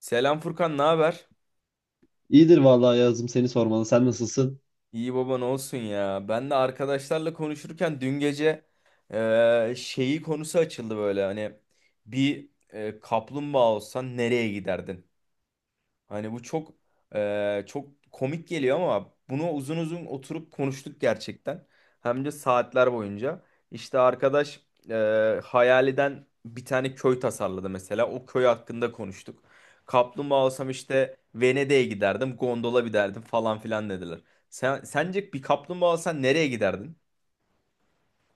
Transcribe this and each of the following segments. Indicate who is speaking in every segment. Speaker 1: Selam Furkan, ne haber?
Speaker 2: İyidir vallahi yazdım seni sormalı. Sen nasılsın?
Speaker 1: İyi baban olsun ya. Ben de arkadaşlarla konuşurken dün gece şeyi konusu açıldı böyle. Hani bir kaplumbağa olsan nereye giderdin? Hani bu çok çok komik geliyor ama bunu uzun uzun oturup konuştuk gerçekten. Hem de saatler boyunca. İşte arkadaş hayaliden bir tane köy tasarladı mesela. O köy hakkında konuştuk. Kaplumbağa olsam işte Venedik'e giderdim, gondola binerdim falan filan dediler. Sence bir kaplumbağa olsan nereye giderdin?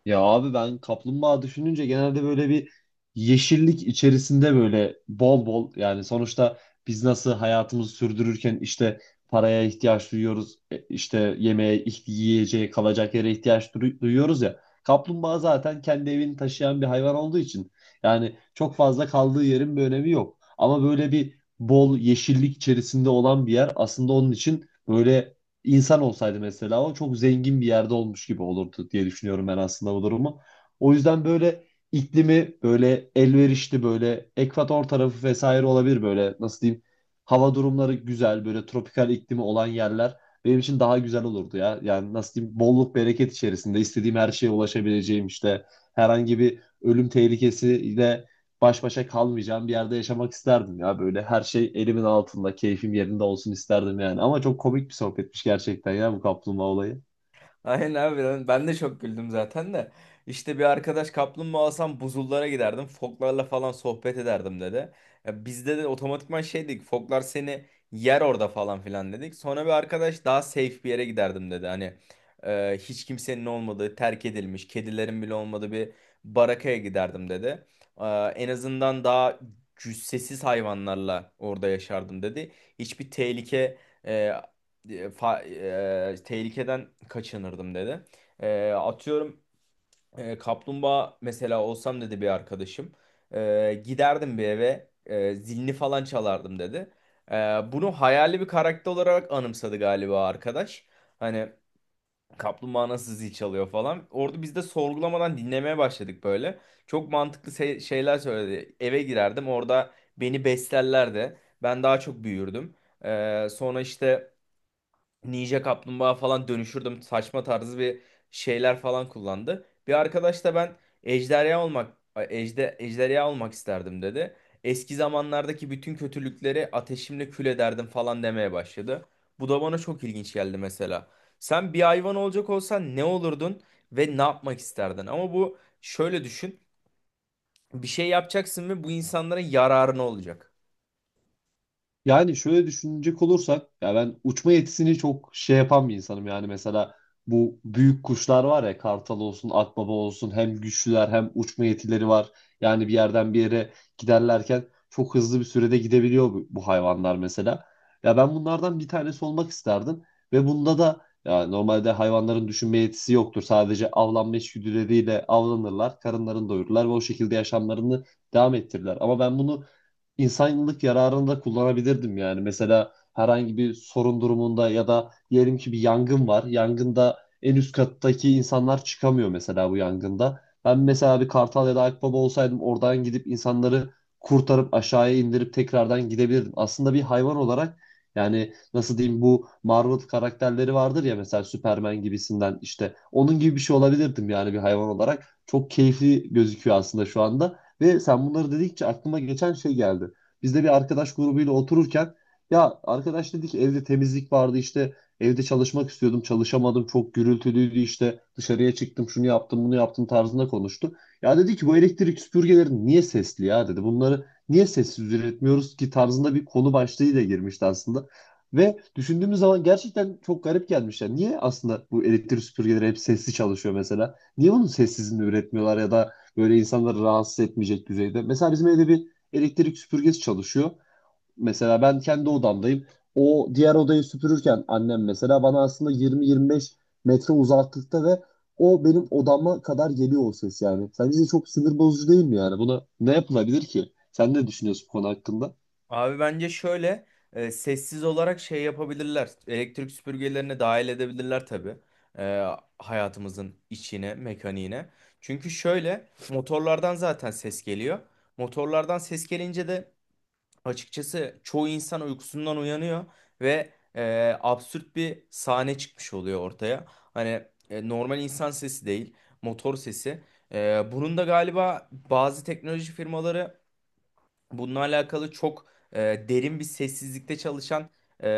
Speaker 2: Ya abi ben kaplumbağa düşününce genelde böyle bir yeşillik içerisinde böyle bol bol, yani sonuçta biz nasıl hayatımızı sürdürürken işte paraya ihtiyaç duyuyoruz, işte yemeğe, yiyeceğe, kalacak yere ihtiyaç duyuyoruz ya. Kaplumbağa zaten kendi evini taşıyan bir hayvan olduğu için yani çok fazla kaldığı yerin bir önemi yok. Ama böyle bir bol yeşillik içerisinde olan bir yer aslında onun için böyle, insan olsaydı mesela o çok zengin bir yerde olmuş gibi olurdu diye düşünüyorum ben aslında bu durumu. O yüzden böyle iklimi böyle elverişli, böyle ekvator tarafı vesaire olabilir, böyle nasıl diyeyim, hava durumları güzel, böyle tropikal iklimi olan yerler benim için daha güzel olurdu ya. Yani nasıl diyeyim, bolluk bereket içerisinde, istediğim her şeye ulaşabileceğim, işte herhangi bir ölüm tehlikesiyle baş başa kalmayacağım bir yerde yaşamak isterdim ya. Böyle her şey elimin altında, keyfim yerinde olsun isterdim yani. Ama çok komik bir sohbetmiş gerçekten ya, bu kaplumbağa olayı.
Speaker 1: Aynen abi ben de çok güldüm zaten de. İşte bir arkadaş kaplumbağa alsam buzullara giderdim. Foklarla falan sohbet ederdim dedi. Ya bizde de otomatikman şey dedik. Foklar seni yer orada falan filan dedik. Sonra bir arkadaş daha safe bir yere giderdim dedi. Hani hiç kimsenin olmadığı, terk edilmiş, kedilerin bile olmadığı bir barakaya giderdim dedi. E, en azından daha cüssesiz hayvanlarla orada yaşardım dedi. Hiçbir e, e, fa- tehlikeden kaçınırdım dedi. Atıyorum, kaplumbağa mesela olsam dedi bir arkadaşım. Giderdim bir eve, zilini falan çalardım dedi. E, bunu hayali bir karakter olarak anımsadı galiba arkadaş. Hani kaplumbağa nasıl zil çalıyor falan. Orada biz de sorgulamadan dinlemeye başladık böyle. Çok mantıklı şeyler söyledi. Eve girerdim, orada beni beslerlerdi. Ben daha çok büyürdüm. Sonra işte... Ninja Kaplumbağa falan dönüşürdüm. Saçma tarzı bir şeyler falan kullandı. Bir arkadaş da ben ejderha olmak ejderha olmak isterdim dedi. Eski zamanlardaki bütün kötülükleri ateşimle kül ederdim falan demeye başladı. Bu da bana çok ilginç geldi mesela. Sen bir hayvan olacak olsan ne olurdun ve ne yapmak isterdin? Ama bu şöyle düşün. Bir şey yapacaksın ve bu insanlara yararına olacak.
Speaker 2: Yani şöyle düşünecek olursak ya, ben uçma yetisini çok şey yapan bir insanım. Yani mesela bu büyük kuşlar var ya, kartal olsun, akbaba olsun, hem güçlüler hem uçma yetileri var. Yani bir yerden bir yere giderlerken çok hızlı bir sürede gidebiliyor bu hayvanlar mesela. Ya ben bunlardan bir tanesi olmak isterdim. Ve bunda da ya, normalde hayvanların düşünme yetisi yoktur. Sadece avlanma içgüdüleriyle avlanırlar, karınlarını doyururlar ve o şekilde yaşamlarını devam ettirirler. Ama ben bunu insanlık yararında kullanabilirdim yani. Mesela herhangi bir sorun durumunda ya da diyelim ki bir yangın var. Yangında en üst kattaki insanlar çıkamıyor mesela bu yangında. Ben mesela bir kartal ya da akbaba olsaydım, oradan gidip insanları kurtarıp aşağıya indirip tekrardan gidebilirdim. Aslında bir hayvan olarak, yani nasıl diyeyim, bu Marvel karakterleri vardır ya, mesela Superman gibisinden, işte onun gibi bir şey olabilirdim yani bir hayvan olarak. Çok keyifli gözüküyor aslında şu anda. Ve sen bunları dedikçe aklıma geçen şey geldi. Biz de bir arkadaş grubuyla otururken, ya arkadaş dedi ki, evde temizlik vardı, işte evde çalışmak istiyordum, çalışamadım, çok gürültülüydü, işte dışarıya çıktım, şunu yaptım bunu yaptım tarzında konuştu. Ya dedi ki, bu elektrik süpürgeleri niye sesli ya, dedi, bunları niye sessiz üretmiyoruz ki tarzında bir konu başlığıyla girmişti aslında. Ve düşündüğümüz zaman gerçekten çok garip gelmiş. Yani niye aslında bu elektrik süpürgeleri hep sesli çalışıyor mesela? Niye bunun sessizini üretmiyorlar ya da böyle insanları rahatsız etmeyecek düzeyde? Mesela bizim evde bir elektrik süpürgesi çalışıyor. Mesela ben kendi odamdayım. O diğer odayı süpürürken annem, mesela bana aslında 20-25 metre uzaklıkta ve o benim odama kadar geliyor o ses yani. Sence de çok sinir bozucu değil mi yani? Buna ne yapılabilir ki? Sen ne düşünüyorsun bu konu hakkında?
Speaker 1: Abi bence şöyle sessiz olarak şey yapabilirler. Elektrik süpürgelerini dahil edebilirler tabii. E, hayatımızın içine, mekaniğine. Çünkü şöyle motorlardan zaten ses geliyor. Motorlardan ses gelince de açıkçası çoğu insan uykusundan uyanıyor ve absürt bir sahne çıkmış oluyor ortaya. Hani normal insan sesi değil, motor sesi. Bunun da galiba bazı teknoloji firmaları bununla alakalı çok e, derin bir sessizlikte çalışan e,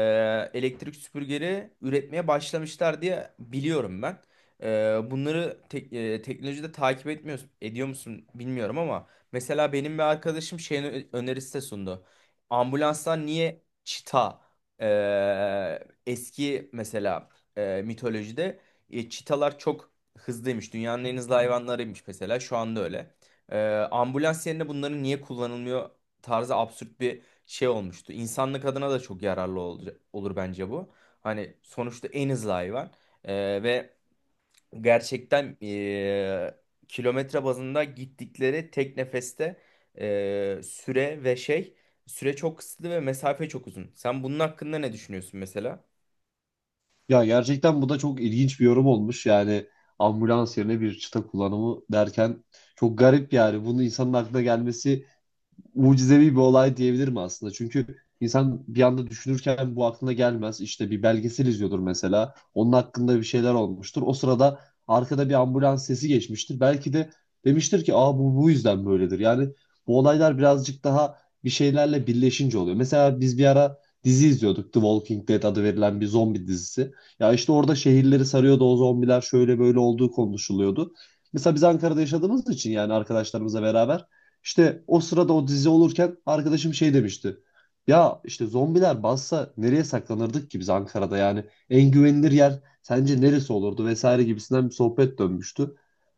Speaker 1: elektrik süpürgeleri üretmeye başlamışlar diye biliyorum ben. Bunları teknolojide takip etmiyor, ediyor musun bilmiyorum ama mesela benim bir arkadaşım şeyin önerisi de sundu. Ambulanslar niye çita... e, eski mesela, mitolojide çitalar çok hızlıymış. Dünyanın en hızlı hayvanlarıymış, mesela şu anda öyle. E, ambulans yerine bunların niye kullanılmıyor tarzı absürt bir şey olmuştu. İnsanlık adına da çok yararlı olur bence bu. Hani sonuçta en hızlı hayvan. Ee, Ve gerçekten kilometre bazında gittikleri tek nefeste süre ve şey, süre çok kısıtlı ve mesafe çok uzun. Sen bunun hakkında ne düşünüyorsun mesela?
Speaker 2: Ya gerçekten bu da çok ilginç bir yorum olmuş. Yani ambulans yerine bir çıta kullanımı derken, çok garip yani. Bunun insanın aklına gelmesi mucizevi bir olay diyebilirim aslında. Çünkü insan bir anda düşünürken bu aklına gelmez. İşte bir belgesel izliyordur mesela. Onun hakkında bir şeyler olmuştur. O sırada arkada bir ambulans sesi geçmiştir. Belki de demiştir ki, aa bu yüzden böyledir. Yani bu olaylar birazcık daha bir şeylerle birleşince oluyor. Mesela biz bir ara dizi izliyorduk. The Walking Dead adı verilen bir zombi dizisi. Ya işte orada şehirleri sarıyordu o zombiler, şöyle böyle olduğu konuşuluyordu. Mesela biz Ankara'da yaşadığımız için, yani arkadaşlarımızla beraber işte, o sırada o dizi olurken arkadaşım şey demişti. Ya işte zombiler bassa nereye saklanırdık ki biz Ankara'da, yani en güvenilir yer sence neresi olurdu vesaire gibisinden bir sohbet dönmüştü.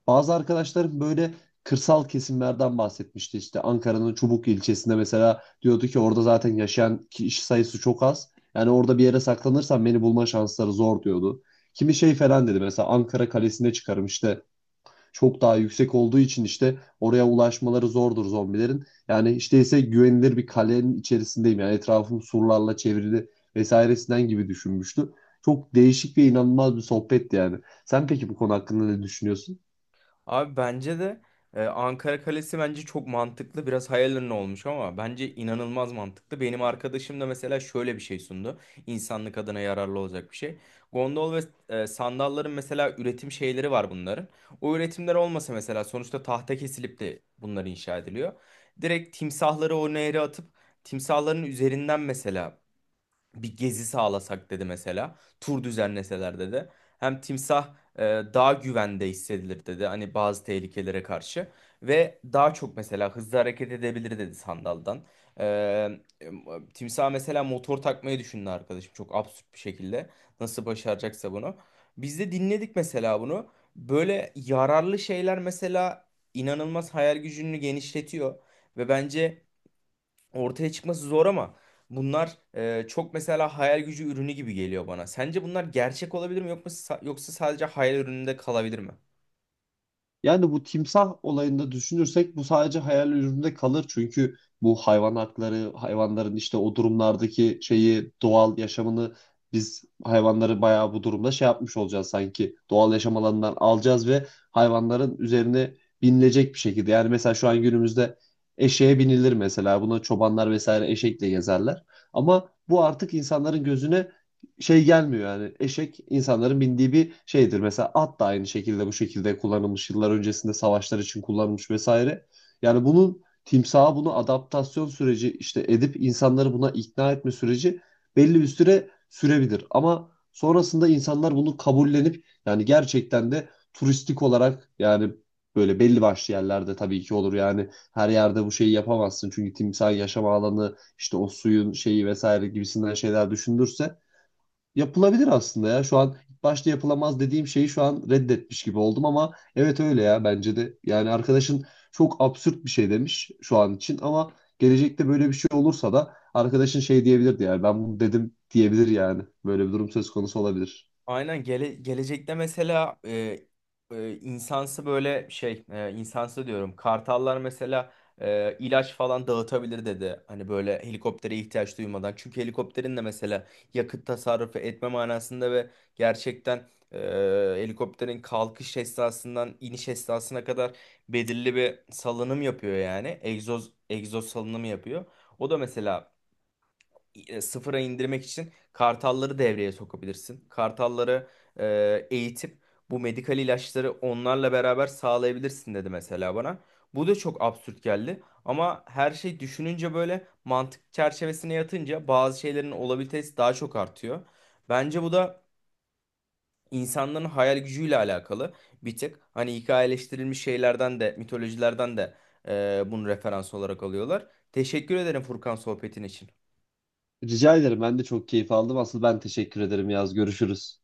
Speaker 2: Bazı arkadaşlarım böyle kırsal kesimlerden bahsetmişti. İşte Ankara'nın Çubuk ilçesinde mesela, diyordu ki orada zaten yaşayan kişi sayısı çok az. Yani orada bir yere saklanırsam beni bulma şansları zor, diyordu. Kimi şey falan dedi, mesela Ankara Kalesi'ne çıkarım işte, çok daha yüksek olduğu için işte oraya ulaşmaları zordur zombilerin. Yani işte ise güvenilir bir kalenin içerisindeyim. Yani etrafım surlarla çevrili vesairesinden gibi düşünmüştü. Çok değişik ve inanılmaz bir sohbetti yani. Sen peki bu konu hakkında ne düşünüyorsun?
Speaker 1: Abi bence de Ankara Kalesi bence çok mantıklı. Biraz hayal ürünü olmuş ama bence inanılmaz mantıklı. Benim arkadaşım da mesela şöyle bir şey sundu. İnsanlık adına yararlı olacak bir şey. Gondol ve sandalların mesela üretim şeyleri var bunların. O üretimler olmasa, mesela sonuçta tahta kesilip de bunlar inşa ediliyor. Direkt timsahları o nehre atıp timsahların üzerinden mesela bir gezi sağlasak dedi mesela. Tur düzenleseler dedi. Hem timsah daha güvende hissedilir dedi, hani bazı tehlikelere karşı. Ve daha çok mesela hızlı hareket edebilir dedi sandaldan. E, e, timsah mesela motor takmayı düşündü arkadaşım, çok absürt bir şekilde. Nasıl başaracaksa bunu. Biz de dinledik mesela bunu. Böyle yararlı şeyler mesela inanılmaz hayal gücünü genişletiyor. Ve bence ortaya çıkması zor ama bunlar çok mesela hayal gücü ürünü gibi geliyor bana. Sence bunlar gerçek olabilir mi, yoksa sadece hayal ürününde kalabilir mi?
Speaker 2: Yani bu timsah olayında düşünürsek bu sadece hayal ürününde kalır. Çünkü bu hayvan hakları, hayvanların işte o durumlardaki şeyi, doğal yaşamını, biz hayvanları bayağı bu durumda şey yapmış olacağız sanki. Doğal yaşam alanından alacağız ve hayvanların üzerine binilecek bir şekilde. Yani mesela şu an günümüzde eşeğe binilir mesela. Buna çobanlar vesaire eşekle gezerler. Ama bu artık insanların gözüne şey gelmiyor yani. Eşek insanların bindiği bir şeydir. Mesela at da aynı şekilde bu şekilde kullanılmış. Yıllar öncesinde savaşlar için kullanılmış vesaire. Yani bunun timsaha bunu adaptasyon süreci işte, edip insanları buna ikna etme süreci belli bir süre sürebilir. Ama sonrasında insanlar bunu kabullenip, yani gerçekten de turistik olarak, yani böyle belli başlı yerlerde tabii ki olur yani, her yerde bu şeyi yapamazsın çünkü timsah yaşam alanı işte o suyun şeyi vesaire gibisinden şeyler düşündürse. Yapılabilir aslında ya. Şu an ilk başta yapılamaz dediğim şeyi şu an reddetmiş gibi oldum, ama evet öyle ya, bence de. Yani arkadaşın çok absürt bir şey demiş şu an için, ama gelecekte böyle bir şey olursa da arkadaşın şey diyebilirdi yani, ben bunu dedim diyebilir yani. Böyle bir durum söz konusu olabilir.
Speaker 1: Aynen, gelecekte mesela insansı böyle şey, insansı diyorum, kartallar mesela ilaç falan dağıtabilir dedi. Hani böyle helikoptere ihtiyaç duymadan. Çünkü helikopterin de mesela yakıt tasarrufu etme manasında ve gerçekten helikopterin kalkış esnasından iniş esnasına kadar belirli bir salınım yapıyor yani. Egzoz salınımı yapıyor. O da mesela sıfıra indirmek için kartalları devreye sokabilirsin. Kartalları eğitip bu medikal ilaçları onlarla beraber sağlayabilirsin dedi mesela bana. Bu da çok absürt geldi ama her şey düşününce, böyle mantık çerçevesine yatınca bazı şeylerin olabilitesi daha çok artıyor. Bence bu da insanların hayal gücüyle alakalı bir tık. Hani hikayeleştirilmiş şeylerden de, mitolojilerden de bunu referans olarak alıyorlar. Teşekkür ederim Furkan, sohbetin için.
Speaker 2: Rica ederim, ben de çok keyif aldım. Asıl ben teşekkür ederim Yaz. Görüşürüz.